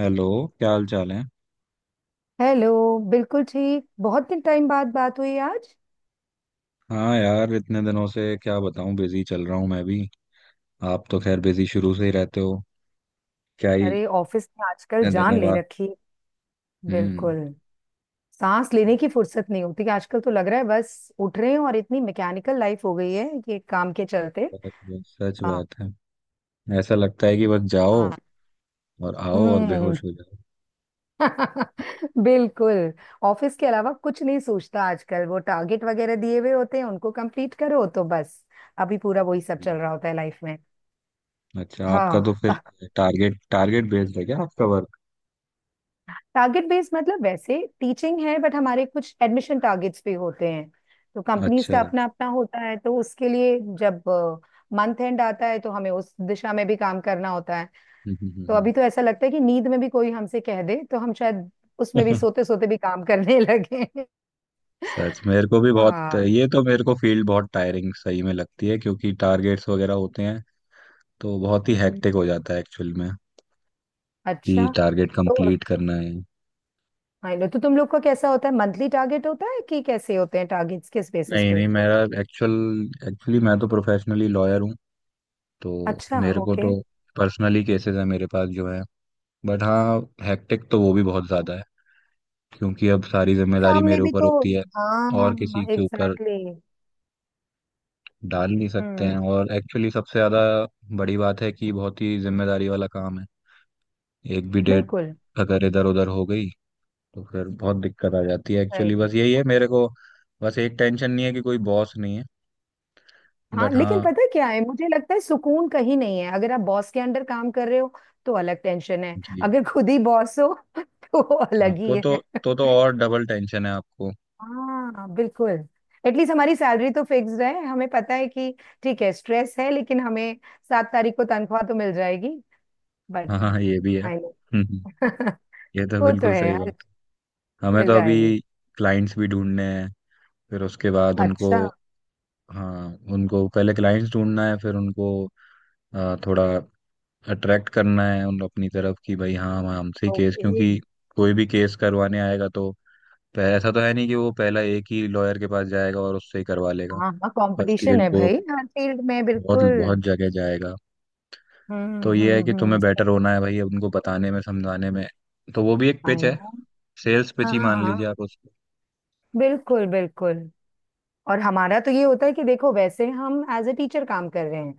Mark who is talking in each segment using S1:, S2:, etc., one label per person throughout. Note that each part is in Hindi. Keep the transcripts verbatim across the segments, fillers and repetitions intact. S1: हेलो। क्या हाल चाल है?
S2: हेलो. बिल्कुल ठीक. बहुत दिन टाइम बाद बात हुई आज.
S1: हाँ यार, इतने दिनों से क्या बताऊं, बिजी चल रहा हूँ मैं भी। आप तो खैर बिजी शुरू से ही रहते हो क्या ही।
S2: अरे, ऑफिस में आजकल
S1: इतने
S2: जान
S1: दिनों
S2: ले
S1: बाद।
S2: रखी.
S1: हम्म।
S2: बिल्कुल. सांस लेने की फुर्सत नहीं होती आजकल, तो लग रहा है बस उठ रहे हैं और इतनी मैकेनिकल लाइफ हो गई है ये काम के चलते.
S1: बहुत- बहुत सच
S2: आ,
S1: बात है। ऐसा लगता है कि बस जाओ
S2: आ,
S1: और आओ और
S2: हम्म.
S1: बेहोश हो जाओ।
S2: बिल्कुल. ऑफिस के अलावा कुछ नहीं सोचता आजकल, वो टारगेट वगैरह दिए हुए होते हैं उनको कंप्लीट करो तो बस. अभी पूरा वही सब
S1: हम्म।
S2: चल रहा होता है लाइफ में.
S1: अच्छा, आपका तो
S2: हाँ.
S1: फिर टारगेट टारगेट बेस्ड है क्या आपका वर्क?
S2: टारगेट बेस्ड मतलब वैसे टीचिंग है बट हमारे कुछ एडमिशन टारगेट्स भी होते हैं. तो कंपनीज
S1: अच्छा।
S2: का
S1: हम्म,
S2: अपना अपना होता है तो उसके लिए जब मंथ एंड आता है तो हमें उस दिशा में भी काम करना होता है.
S1: हम्म,
S2: तो
S1: हम्म।
S2: अभी तो ऐसा लगता है कि नींद में भी कोई हमसे कह दे तो हम शायद उसमें भी
S1: हम्म।
S2: सोते सोते भी काम करने लगे.
S1: सच, मेरे को भी बहुत
S2: हाँ.
S1: ये तो, मेरे को फील्ड बहुत टायरिंग सही में लगती है क्योंकि टारगेट्स वगैरह होते हैं। तो बहुत ही हेक्टिक
S2: हम्म.
S1: हो जाता है एक्चुअल में, कि
S2: अच्छा.
S1: टारगेट
S2: तो
S1: कंप्लीट करना है।
S2: हाँ, लो, तो तुम लोग का कैसा होता है? मंथली टारगेट होता है कि कैसे होते हैं टारगेट्स किस बेसिस
S1: नहीं
S2: पे?
S1: नहीं, मेरा एक्चुअल एक्चुअली मैं तो प्रोफेशनली लॉयर हूँ। तो
S2: अच्छा,
S1: मेरे को
S2: ओके.
S1: तो पर्सनली केसेस है मेरे पास जो है। बट हाँ, हेक्टिक तो वो भी बहुत ज़्यादा है। क्योंकि अब सारी जिम्मेदारी
S2: काम में
S1: मेरे
S2: भी
S1: ऊपर
S2: तो.
S1: होती है, और
S2: हाँ
S1: किसी के ऊपर
S2: एग्जैक्टली exactly.
S1: डाल नहीं सकते
S2: हम्म.
S1: हैं। और एक्चुअली सबसे ज़्यादा बड़ी बात है कि बहुत ही जिम्मेदारी वाला काम है। एक भी डेट
S2: बिल्कुल.
S1: अगर इधर उधर हो गई तो फिर बहुत दिक्कत आ जाती है। एक्चुअली
S2: सही.
S1: बस यही है मेरे को। बस एक टेंशन नहीं है कि कोई बॉस नहीं है।
S2: हाँ
S1: बट
S2: लेकिन
S1: हाँ,
S2: पता है क्या है? मुझे लगता है सुकून कहीं नहीं है अगर आप बॉस के अंडर काम कर रहे हो तो अलग टेंशन है.
S1: जी जी,
S2: अगर खुद ही बॉस हो तो
S1: हाँ
S2: अलग ही
S1: तो तो
S2: है.
S1: तो तो और डबल टेंशन है आपको।
S2: हाँ बिल्कुल. एटलीस्ट हमारी सैलरी तो फिक्स्ड है, हमें पता है कि ठीक है स्ट्रेस है लेकिन हमें सात तारीख को तनख्वाह तो मिल जाएगी.
S1: हाँ
S2: बट
S1: हाँ, ये भी है।
S2: I know.
S1: हम्म, हम्म। ये तो
S2: वो तो
S1: बिल्कुल सही
S2: है.
S1: बात है। हमें तो अभी
S2: राइट.
S1: क्लाइंट्स भी ढूंढने हैं, फिर उसके बाद उनको,
S2: अच्छा
S1: हाँ, उनको पहले क्लाइंट्स ढूंढना है, फिर उनको आ, थोड़ा अट्रैक्ट करना है उन अपनी तरफ, कि भाई हाँ, हम हमसे केस,
S2: ओके.
S1: क्योंकि कोई भी केस करवाने आएगा तो पह- ऐसा तो है नहीं कि वो पहला एक ही लॉयर के पास जाएगा और उससे ही करवा लेगा।
S2: हाँ हाँ
S1: फर्स्ट ये
S2: कंपटीशन है
S1: वो,
S2: भाई हर फील्ड में.
S1: बहुत
S2: बिल्कुल.
S1: बहुत जगह जाएगा।
S2: हम्म.
S1: तो ये है
S2: हम्म.
S1: कि तुम्हें
S2: हम्म.
S1: बेटर होना है भाई, उनको बताने में, समझाने में। तो वो भी एक
S2: आई
S1: पिच है,
S2: नो.
S1: सेल्स पिच
S2: हाँ
S1: ही मान लीजिए
S2: हाँ
S1: आप उसको।
S2: बिल्कुल बिल्कुल. और हमारा तो ये होता है कि देखो वैसे हम एज अ टीचर काम कर रहे हैं.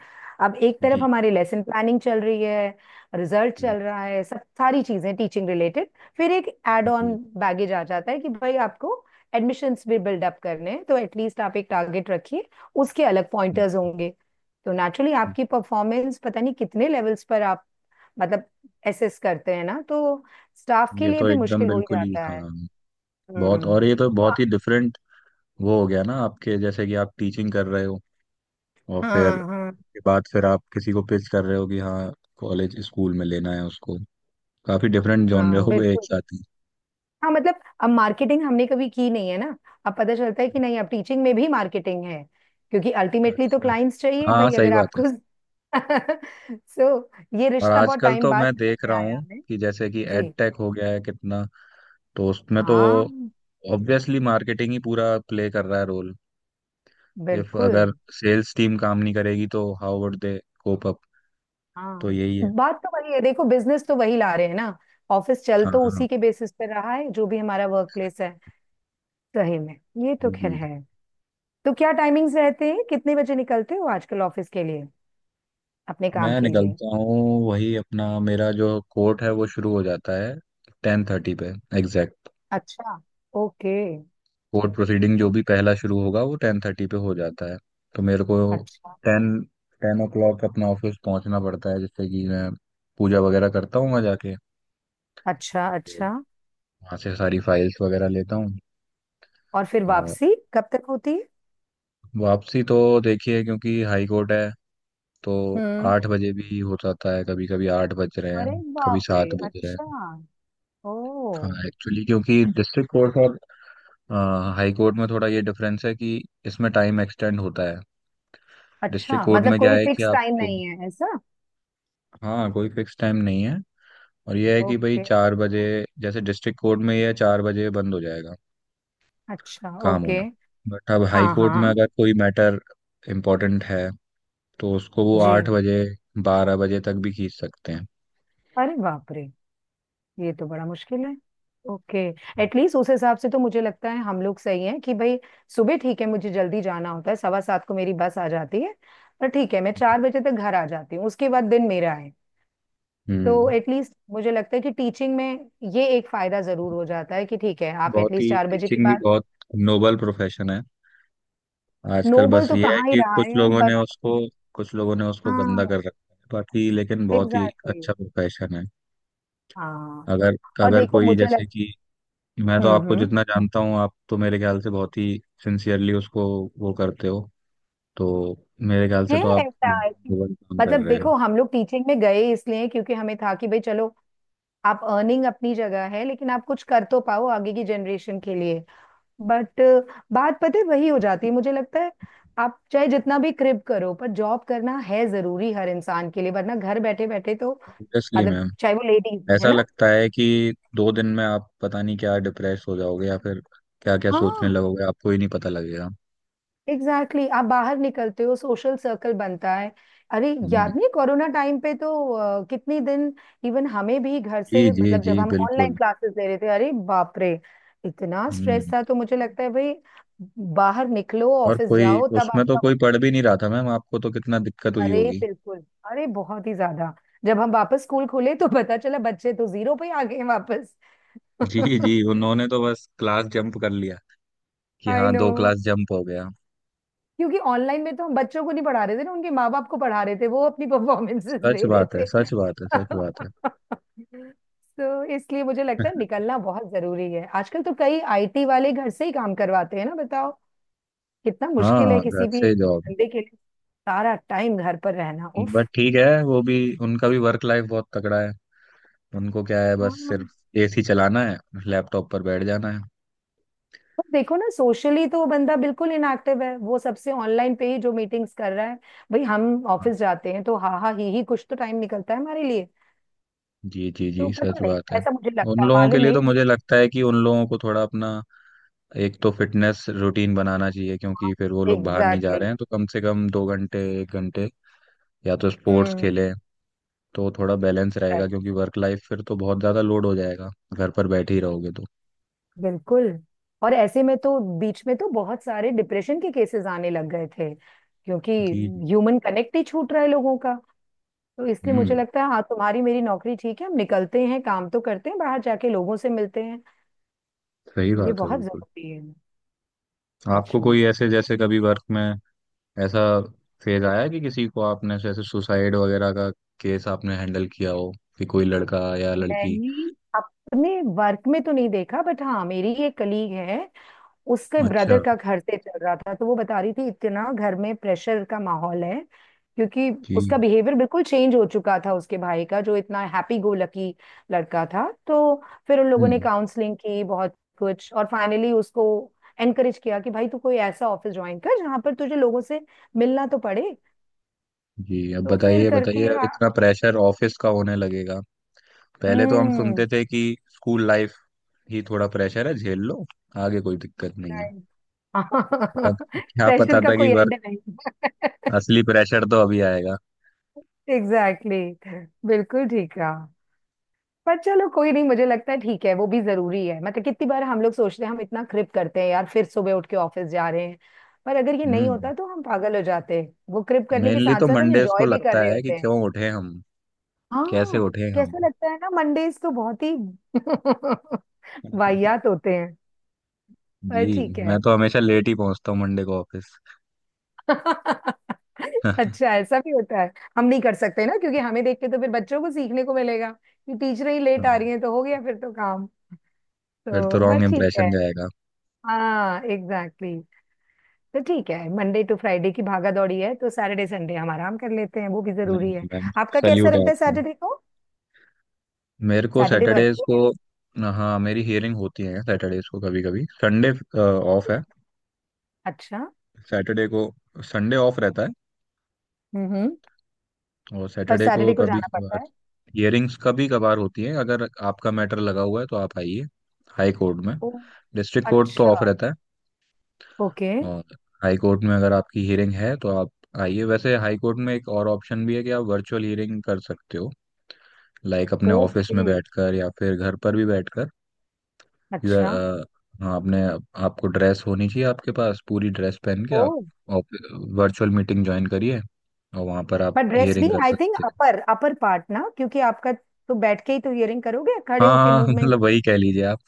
S2: अब एक तरफ
S1: जी।
S2: हमारी लेसन प्लानिंग चल रही है, रिजल्ट
S1: हम्म,
S2: चल रहा है, सब सारी चीजें टीचिंग रिलेटेड. फिर एक एड ऑन
S1: जी।
S2: बैगेज आ जाता है कि भाई आपको एडमिशन्स भी बिल्डअप करने हैं तो एटलीस्ट आप एक टारगेट रखिए, उसके अलग
S1: हम्म,
S2: पॉइंटर्स होंगे. तो नेचुरली
S1: हम्म।
S2: आपकी परफॉर्मेंस पता नहीं कितने लेवल्स पर आप मतलब एसेस करते हैं ना, तो स्टाफ के
S1: ये
S2: लिए
S1: तो
S2: भी
S1: एकदम
S2: मुश्किल हो ही
S1: बिल्कुल ही,
S2: जाता है.
S1: हाँ, बहुत। और
S2: हम्म.
S1: ये तो बहुत ही डिफरेंट वो हो गया ना, आपके जैसे कि आप टीचिंग कर रहे हो और फिर
S2: हाँ हाँ
S1: उसके बाद फिर आप किसी को पिच कर रहे हो कि हाँ, कॉलेज स्कूल में लेना है उसको। काफी डिफरेंट जॉनर
S2: हाँ
S1: हो गए एक
S2: बिल्कुल.
S1: साथ ही।
S2: हाँ मतलब अब मार्केटिंग हमने कभी की नहीं है ना. अब पता चलता है कि नहीं, अब टीचिंग में भी मार्केटिंग है क्योंकि अल्टीमेटली तो
S1: अच्छा।
S2: क्लाइंट्स चाहिए
S1: हाँ,
S2: भाई
S1: सही
S2: अगर
S1: बात है।
S2: आपको. सो ये
S1: और
S2: रिश्ता बहुत
S1: आजकल
S2: टाइम
S1: तो
S2: बाद
S1: मैं
S2: समझ
S1: देख
S2: में
S1: रहा
S2: आया
S1: हूँ
S2: हमें.
S1: कि जैसे कि
S2: जी.
S1: एड टेक हो गया है कितना, तो उसमें तो
S2: हाँ.
S1: ऑब्वियसली मार्केटिंग ही पूरा प्ले कर रहा है रोल। इफ
S2: बिल्कुल.
S1: अगर सेल्स टीम काम नहीं करेगी तो how would they cope up. तो
S2: हाँ.
S1: यही है।
S2: बात तो वही है, देखो बिजनेस तो वही ला रहे हैं ना. ऑफिस चल
S1: हाँ
S2: तो
S1: हाँ हाँ।
S2: उसी के बेसिस पर रहा है जो भी हमारा वर्क प्लेस है. सही में. ये तो
S1: जी
S2: खैर
S1: जी जी।
S2: है. तो क्या टाइमिंग्स रहते हैं? कितने बजे निकलते हो आजकल ऑफिस के लिए, अपने काम
S1: मैं
S2: के लिए?
S1: निकलता हूँ, वही अपना, मेरा जो कोर्ट है वो शुरू हो जाता है टेन थर्टी पे एग्जैक्ट।
S2: अच्छा. ओके.
S1: कोर्ट प्रोसीडिंग जो भी पहला शुरू होगा वो टेन थर्टी पे हो जाता है। तो मेरे को
S2: अच्छा
S1: टेन टेन ओ क्लॉक अपना ऑफिस पहुंचना पड़ता है, जिससे कि मैं पूजा वगैरह करता हूँ वहाँ जाके,
S2: अच्छा.
S1: फिर
S2: अच्छा,
S1: वहाँ से सारी फाइल्स वगैरह लेता
S2: और फिर
S1: हूँ।
S2: वापसी कब तक होती है?
S1: वापसी तो, देखिए, क्योंकि हाई कोर्ट है तो
S2: हम्म.
S1: आठ बजे भी हो जाता है, कभी कभी आठ बज रहे
S2: अरे
S1: हैं कभी
S2: बाप रे.
S1: सात बज रहे
S2: अच्छा.
S1: हैं
S2: ओ.
S1: हाँ, एक्चुअली क्योंकि डिस्ट्रिक्ट कोर्ट और आ, हाई कोर्ट में थोड़ा ये डिफरेंस है कि इसमें टाइम एक्सटेंड होता है। डिस्ट्रिक्ट
S2: अच्छा,
S1: कोर्ट
S2: मतलब
S1: में क्या
S2: कोई
S1: है कि
S2: फिक्स टाइम
S1: आपको,
S2: नहीं है ऐसा?
S1: हाँ, कोई फिक्स टाइम नहीं है। और ये है कि भाई
S2: ओके.
S1: चार बजे, जैसे डिस्ट्रिक्ट कोर्ट में ये है, चार बजे बंद हो जाएगा
S2: अच्छा
S1: काम
S2: ओके.
S1: होना। बट अब हाई
S2: हाँ
S1: कोर्ट में
S2: हाँ.
S1: अगर कोई मैटर इम्पोर्टेंट है तो उसको वो
S2: जी.
S1: आठ बजे, बारह बजे तक भी खींच सकते हैं।
S2: अरे बाप रे, ये तो बड़ा मुश्किल है. ओके. एटलीस्ट उस हिसाब से तो मुझे लगता है हम लोग सही हैं कि भाई सुबह ठीक है, मुझे जल्दी जाना होता है, सवा सात को मेरी बस आ जाती है. पर ठीक है, मैं चार बजे तक घर आ जाती हूँ, उसके बाद दिन मेरा है. तो
S1: हम्म।
S2: एटलीस्ट मुझे लगता है कि टीचिंग में ये एक फायदा जरूर हो जाता है कि ठीक है, आप
S1: बहुत
S2: एटलीस्ट
S1: ही,
S2: चार बजे के
S1: टीचिंग भी
S2: बाद.
S1: बहुत नोबल प्रोफेशन है। आजकल
S2: नोबल
S1: बस
S2: तो
S1: ये है
S2: कहाँ ही
S1: कि
S2: रहा
S1: कुछ
S2: है अब,
S1: लोगों ने
S2: बट
S1: उसको कुछ लोगों ने उसको गंदा
S2: हाँ
S1: कर रखा है, बाकी लेकिन बहुत ही
S2: एग्जैक्टली exactly,
S1: अच्छा प्रोफेशन है।
S2: हाँ.
S1: अगर
S2: और
S1: अगर
S2: देखो
S1: कोई,
S2: मुझे
S1: जैसे
S2: लग.
S1: कि, मैं तो
S2: हम्म.
S1: आपको
S2: हम्म.
S1: जितना जानता हूँ, आप तो मेरे ख्याल से बहुत ही सिंसियरली उसको वो करते हो। तो मेरे ख्याल
S2: है
S1: से तो आप बहुत
S2: ऐसा
S1: ही
S2: कि-
S1: नोबल काम कर
S2: मतलब
S1: रहे हो।
S2: देखो हम लोग टीचिंग में गए इसलिए क्योंकि हमें था कि भाई चलो, आप अर्निंग अपनी जगह है लेकिन आप कुछ कर तो पाओ आगे की जनरेशन के लिए. बट बात पता है वही हो जाती है मुझे लगता है. आप चाहे जितना भी क्रिप करो पर जॉब करना है जरूरी हर इंसान के लिए, वरना घर बैठे बैठे तो.
S1: ऑब्वियसली
S2: मतलब
S1: मैम,
S2: चाहे वो लेडीज है
S1: ऐसा
S2: ना.
S1: लगता है कि दो दिन में आप पता नहीं क्या डिप्रेस हो जाओगे, या फिर क्या क्या सोचने
S2: हाँ
S1: लगोगे आपको ही नहीं पता लगेगा।
S2: Exactly exactly. आप बाहर निकलते हो, सोशल सर्कल बनता है. अरे याद
S1: हम्म,
S2: नहीं कोरोना टाइम पे तो अ, कितनी दिन. इवन हमें भी घर
S1: जी
S2: से,
S1: जी
S2: मतलब
S1: जी,
S2: जब हम ऑनलाइन
S1: बिल्कुल।
S2: क्लासेस ले रहे थे, अरे बाप रे इतना स्ट्रेस
S1: हम्म।
S2: था तो मुझे लगता है भाई बाहर निकलो,
S1: और
S2: ऑफिस
S1: कोई
S2: जाओ तब
S1: उसमें तो
S2: आपका
S1: कोई
S2: वक्त-
S1: पढ़ भी नहीं रहा था मैम, आपको तो कितना दिक्कत हुई
S2: अरे
S1: होगी।
S2: बिल्कुल. अरे बहुत ही ज्यादा. जब हम वापस स्कूल खोले तो पता चला बच्चे तो जीरो पे आ गए हैं वापस.
S1: जी जी, उन्होंने तो बस क्लास जंप कर लिया कि
S2: आई
S1: हाँ,
S2: नो.
S1: दो क्लास जंप हो गया।
S2: क्योंकि ऑनलाइन में तो हम बच्चों को नहीं पढ़ा रहे थे ना, उनके माँ बाप को पढ़ा रहे थे, वो अपनी परफॉर्मेंसेस
S1: सच
S2: दे
S1: बात है,
S2: रहे थे.
S1: सच बात है, सच बात है।
S2: तो इसलिए मुझे लगता है निकलना बहुत जरूरी है. आजकल तो कई आईटी वाले घर से ही काम करवाते हैं ना, बताओ कितना मुश्किल है
S1: हाँ, घर
S2: किसी भी
S1: से जॉब।
S2: बंदे के लिए सारा टाइम घर पर रहना. उफ.
S1: बट ठीक है, वो भी, उनका भी वर्क लाइफ बहुत तगड़ा है। उनको क्या है, बस सिर्फ
S2: हाँ.
S1: एसी चलाना है, लैपटॉप पर बैठ जाना है।
S2: पर देखो ना, सोशली तो वो बंदा बिल्कुल इनएक्टिव है, वो सबसे ऑनलाइन पे ही जो मीटिंग्स कर रहा है. भाई हम
S1: हाँ,
S2: ऑफिस जाते हैं तो हा हा ही ही कुछ तो टाइम निकलता है हमारे लिए.
S1: जी जी
S2: तो
S1: जी, सच
S2: पता नहीं,
S1: बात है।
S2: ऐसा मुझे
S1: उन
S2: लगता है,
S1: लोगों के
S2: मालूम
S1: लिए
S2: नहीं.
S1: तो मुझे लगता है कि उन लोगों को थोड़ा अपना एक तो फिटनेस रूटीन बनाना चाहिए, क्योंकि फिर वो लोग बाहर नहीं जा
S2: एग्जैक्टली
S1: रहे
S2: exactly.
S1: हैं तो कम से कम दो घंटे, एक घंटे या तो स्पोर्ट्स
S2: हम्म.
S1: खेलें, तो थोड़ा बैलेंस रहेगा,
S2: Right,
S1: क्योंकि वर्क लाइफ फिर तो बहुत ज़्यादा लोड हो जाएगा, घर पर बैठे ही रहोगे तो।
S2: बिल्कुल. और ऐसे में तो बीच में तो बहुत सारे डिप्रेशन के केसेस आने लग गए थे क्योंकि
S1: जी।
S2: ह्यूमन कनेक्ट ही छूट रहा है लोगों का. तो इसलिए मुझे
S1: हम्म,
S2: लगता है हाँ, तुम्हारी मेरी नौकरी ठीक है, हम निकलते हैं, काम तो करते हैं, बाहर जाके लोगों से मिलते हैं.
S1: सही
S2: ये
S1: बात है,
S2: बहुत
S1: बिल्कुल।
S2: जरूरी है. सच
S1: आपको
S2: में.
S1: कोई ऐसे, जैसे कभी वर्क में ऐसा फेज आया है कि किसी को आपने जैसे सुसाइड वगैरह का केस आपने हैंडल किया हो, कि कोई लड़का या लड़की।
S2: मैंने अपने वर्क में तो नहीं देखा बट हाँ, मेरी एक कलीग है, उसके
S1: अच्छा।
S2: ब्रदर का घर से चल रहा था तो वो बता रही थी इतना घर में प्रेशर का माहौल है, क्योंकि
S1: जी।
S2: उसका बिहेवियर बिल्कुल चेंज हो चुका था उसके भाई का, जो इतना हैप्पी गो लकी लड़का था. तो फिर उन लोगों ने
S1: हम्म,
S2: काउंसलिंग की बहुत कुछ और फाइनली उसको एनकरेज किया कि भाई तू कोई ऐसा ऑफिस ज्वाइन कर जहां पर तुझे लोगों से मिलना तो पड़े.
S1: जी। अब
S2: तो फिर
S1: बताइए बताइए,
S2: करके आ-
S1: इतना प्रेशर ऑफिस का होने लगेगा। पहले तो हम सुनते
S2: हम्म.
S1: थे कि स्कूल लाइफ ही थोड़ा प्रेशर है, झेल लो, आगे कोई दिक्कत नहीं है। फिर अब, क्या
S2: प्रेशर
S1: पता
S2: का
S1: था कि
S2: कोई
S1: वर्क,
S2: एंड नहीं.
S1: असली प्रेशर तो अभी आएगा।
S2: Exactly exactly. बिल्कुल ठीक है. पर चलो कोई नहीं, मुझे लगता है ठीक है वो भी जरूरी है, मतलब कितनी बार हम लोग सोचते हैं हम इतना क्रिप करते हैं यार फिर सुबह उठ के ऑफिस जा रहे हैं, पर अगर ये नहीं होता
S1: हम्म।
S2: तो हम पागल हो जाते हैं. वो क्रिप करने के
S1: मेनली
S2: साथ
S1: तो
S2: साथ हम
S1: मंडेज को
S2: एंजॉय भी कर
S1: लगता
S2: रहे
S1: है कि
S2: होते हैं.
S1: क्यों उठे हम, कैसे
S2: हाँ.
S1: उठे हम।
S2: कैसा लगता है ना मंडेज तो बहुत ही वाहियात होते हैं. पर
S1: जी,
S2: ठीक
S1: मैं
S2: है.
S1: तो हमेशा लेट ही पहुंचता हूँ मंडे को ऑफिस।
S2: अच्छा ऐसा भी होता है? हम नहीं कर सकते ना क्योंकि हमें देख के तो फिर बच्चों को सीखने को मिलेगा कि टीचर ही लेट आ
S1: हाँ,
S2: रही है, तो हो गया फिर तो काम.
S1: फिर तो
S2: तो बस
S1: रॉन्ग
S2: ठीक है.
S1: इम्प्रेशन जाएगा।
S2: हाँ एग्जैक्टली. तो ठीक है, मंडे टू फ्राइडे की भागा दौड़ी है तो सैटरडे संडे हम आराम कर लेते हैं, वो भी
S1: नहीं
S2: जरूरी है.
S1: नहीं मैम,
S2: आपका कैसा
S1: सल्यूट है
S2: रहता है
S1: आपको।
S2: सैटरडे को?
S1: मेरे को
S2: सैटरडे
S1: सैटरडेज
S2: वर्किंग है?
S1: को, हाँ, मेरी हियरिंग होती है सैटरडेज को, कभी कभी। संडे ऑफ है,
S2: अच्छा.
S1: सैटरडे को। संडे ऑफ रहता है
S2: हम्म हम्म,
S1: और
S2: पर
S1: सैटरडे को
S2: सैटरडे को
S1: कभी
S2: जाना पड़ता
S1: कभार
S2: है.
S1: हियरिंग्स कभी कभार होती है, अगर आपका मैटर लगा हुआ है तो आप आइए हाई कोर्ट में।
S2: ओ.
S1: डिस्ट्रिक्ट कोर्ट तो ऑफ
S2: अच्छा
S1: रहता है,
S2: ओके.
S1: और हाई कोर्ट में अगर आपकी हियरिंग है तो आप आइए। वैसे हाई कोर्ट में एक और ऑप्शन भी है कि आप वर्चुअल हियरिंग कर सकते हो, लाइक अपने ऑफिस
S2: ओके.
S1: में बैठकर या फिर घर पर भी बैठकर। यू
S2: अच्छा.
S1: अ, हाँ, आपने आपको ड्रेस होनी चाहिए, आपके पास पूरी ड्रेस पहन के
S2: ओ.
S1: आप वर्चुअल मीटिंग ज्वाइन करिए और वहाँ पर आप
S2: पर ड्रेस भी
S1: हियरिंग कर
S2: आई थिंक
S1: सकते हैं।
S2: अपर अपर पार्ट ना, क्योंकि आपका तो बैठ के ही तो इयरिंग करोगे,
S1: हाँ
S2: खड़े होके
S1: हाँ हाँ,
S2: मूवमेंट?
S1: मतलब वही कह लीजिए आप।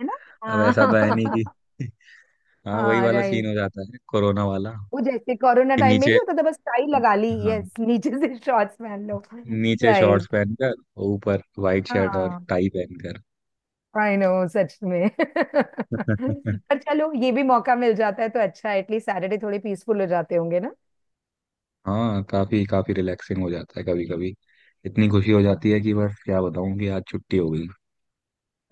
S2: है ना?
S1: अब ऐसा तो है नहीं
S2: हाँ.
S1: कि, हाँ, वही
S2: हाँ
S1: वाला सीन
S2: राइट.
S1: हो जाता है कोरोना वाला।
S2: वो जैसे कोरोना
S1: कि
S2: टाइम में
S1: नीचे
S2: नहीं होता था, बस टाई लगा ली,
S1: हाँ,
S2: यस, नीचे से शॉर्ट्स पहन लो.
S1: नीचे शॉर्ट्स
S2: राइट.
S1: पहनकर ऊपर वाइट शर्ट और
S2: हाँ
S1: टाई पहनकर।
S2: आई नो सच में. पर चलो ये भी मौका मिल जाता है तो अच्छा. एटलीस्ट सैटरडे थोड़े पीसफुल हो जाते होंगे ना.
S1: हाँ, काफी काफी रिलैक्सिंग हो जाता है कभी कभी। इतनी खुशी हो
S2: हाँ.
S1: जाती है कि बस क्या बताऊं कि आज छुट्टी हो गई।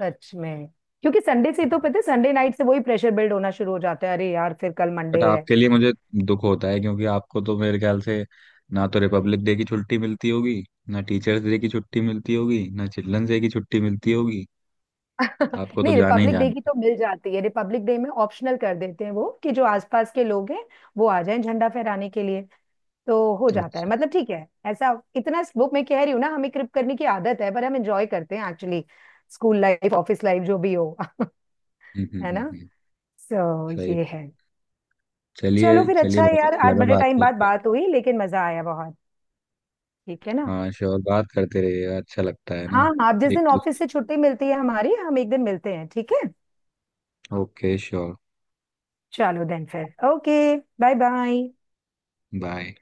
S2: सच में. क्योंकि संडे से तो पता है, संडे नाइट से वही प्रेशर बिल्ड होना शुरू हो जाता है, अरे यार फिर कल
S1: बट
S2: मंडे है.
S1: आपके लिए मुझे दुख होता है, क्योंकि आपको तो मेरे ख्याल से ना तो रिपब्लिक डे की छुट्टी मिलती होगी, ना टीचर्स डे की छुट्टी मिलती होगी, ना चिल्ड्रंस डे की छुट्टी मिलती होगी, आपको तो
S2: नहीं,
S1: जाना ही
S2: रिपब्लिक डे
S1: जाना।
S2: की तो मिल जाती है, रिपब्लिक डे में ऑप्शनल कर देते हैं वो कि जो आसपास के लोग हैं वो आ जाएं झंडा फहराने के लिए, तो हो जाता है.
S1: अच्छा।
S2: मतलब ठीक है, ऐसा इतना वो मैं कह रही हूँ ना, हमें क्रिप करने की आदत है पर हम एंजॉय करते हैं actually, school life office life जो भी हो.
S1: हम्म हम्म
S2: है ना?
S1: हम्म हम्म।
S2: सो
S1: सही।
S2: ये है.
S1: चलिए
S2: चलो फिर
S1: चलिए,
S2: अच्छा है
S1: बहुत
S2: यार,
S1: अच्छा
S2: आज
S1: लगा
S2: बड़े
S1: बात
S2: टाइम बाद
S1: करके।
S2: बात हुई लेकिन मजा आया बहुत. ठीक है ना?
S1: हाँ श्योर, बात करते रहिएगा, अच्छा लगता है
S2: हाँ
S1: ना।
S2: हाँ, आप जिस
S1: एक
S2: दिन ऑफिस
S1: दूसरे।
S2: से छुट्टी मिलती है, हमारी हम एक दिन मिलते हैं ठीक है.
S1: Okay sure.
S2: चलो देन फिर ओके. Bye bye.
S1: बाय।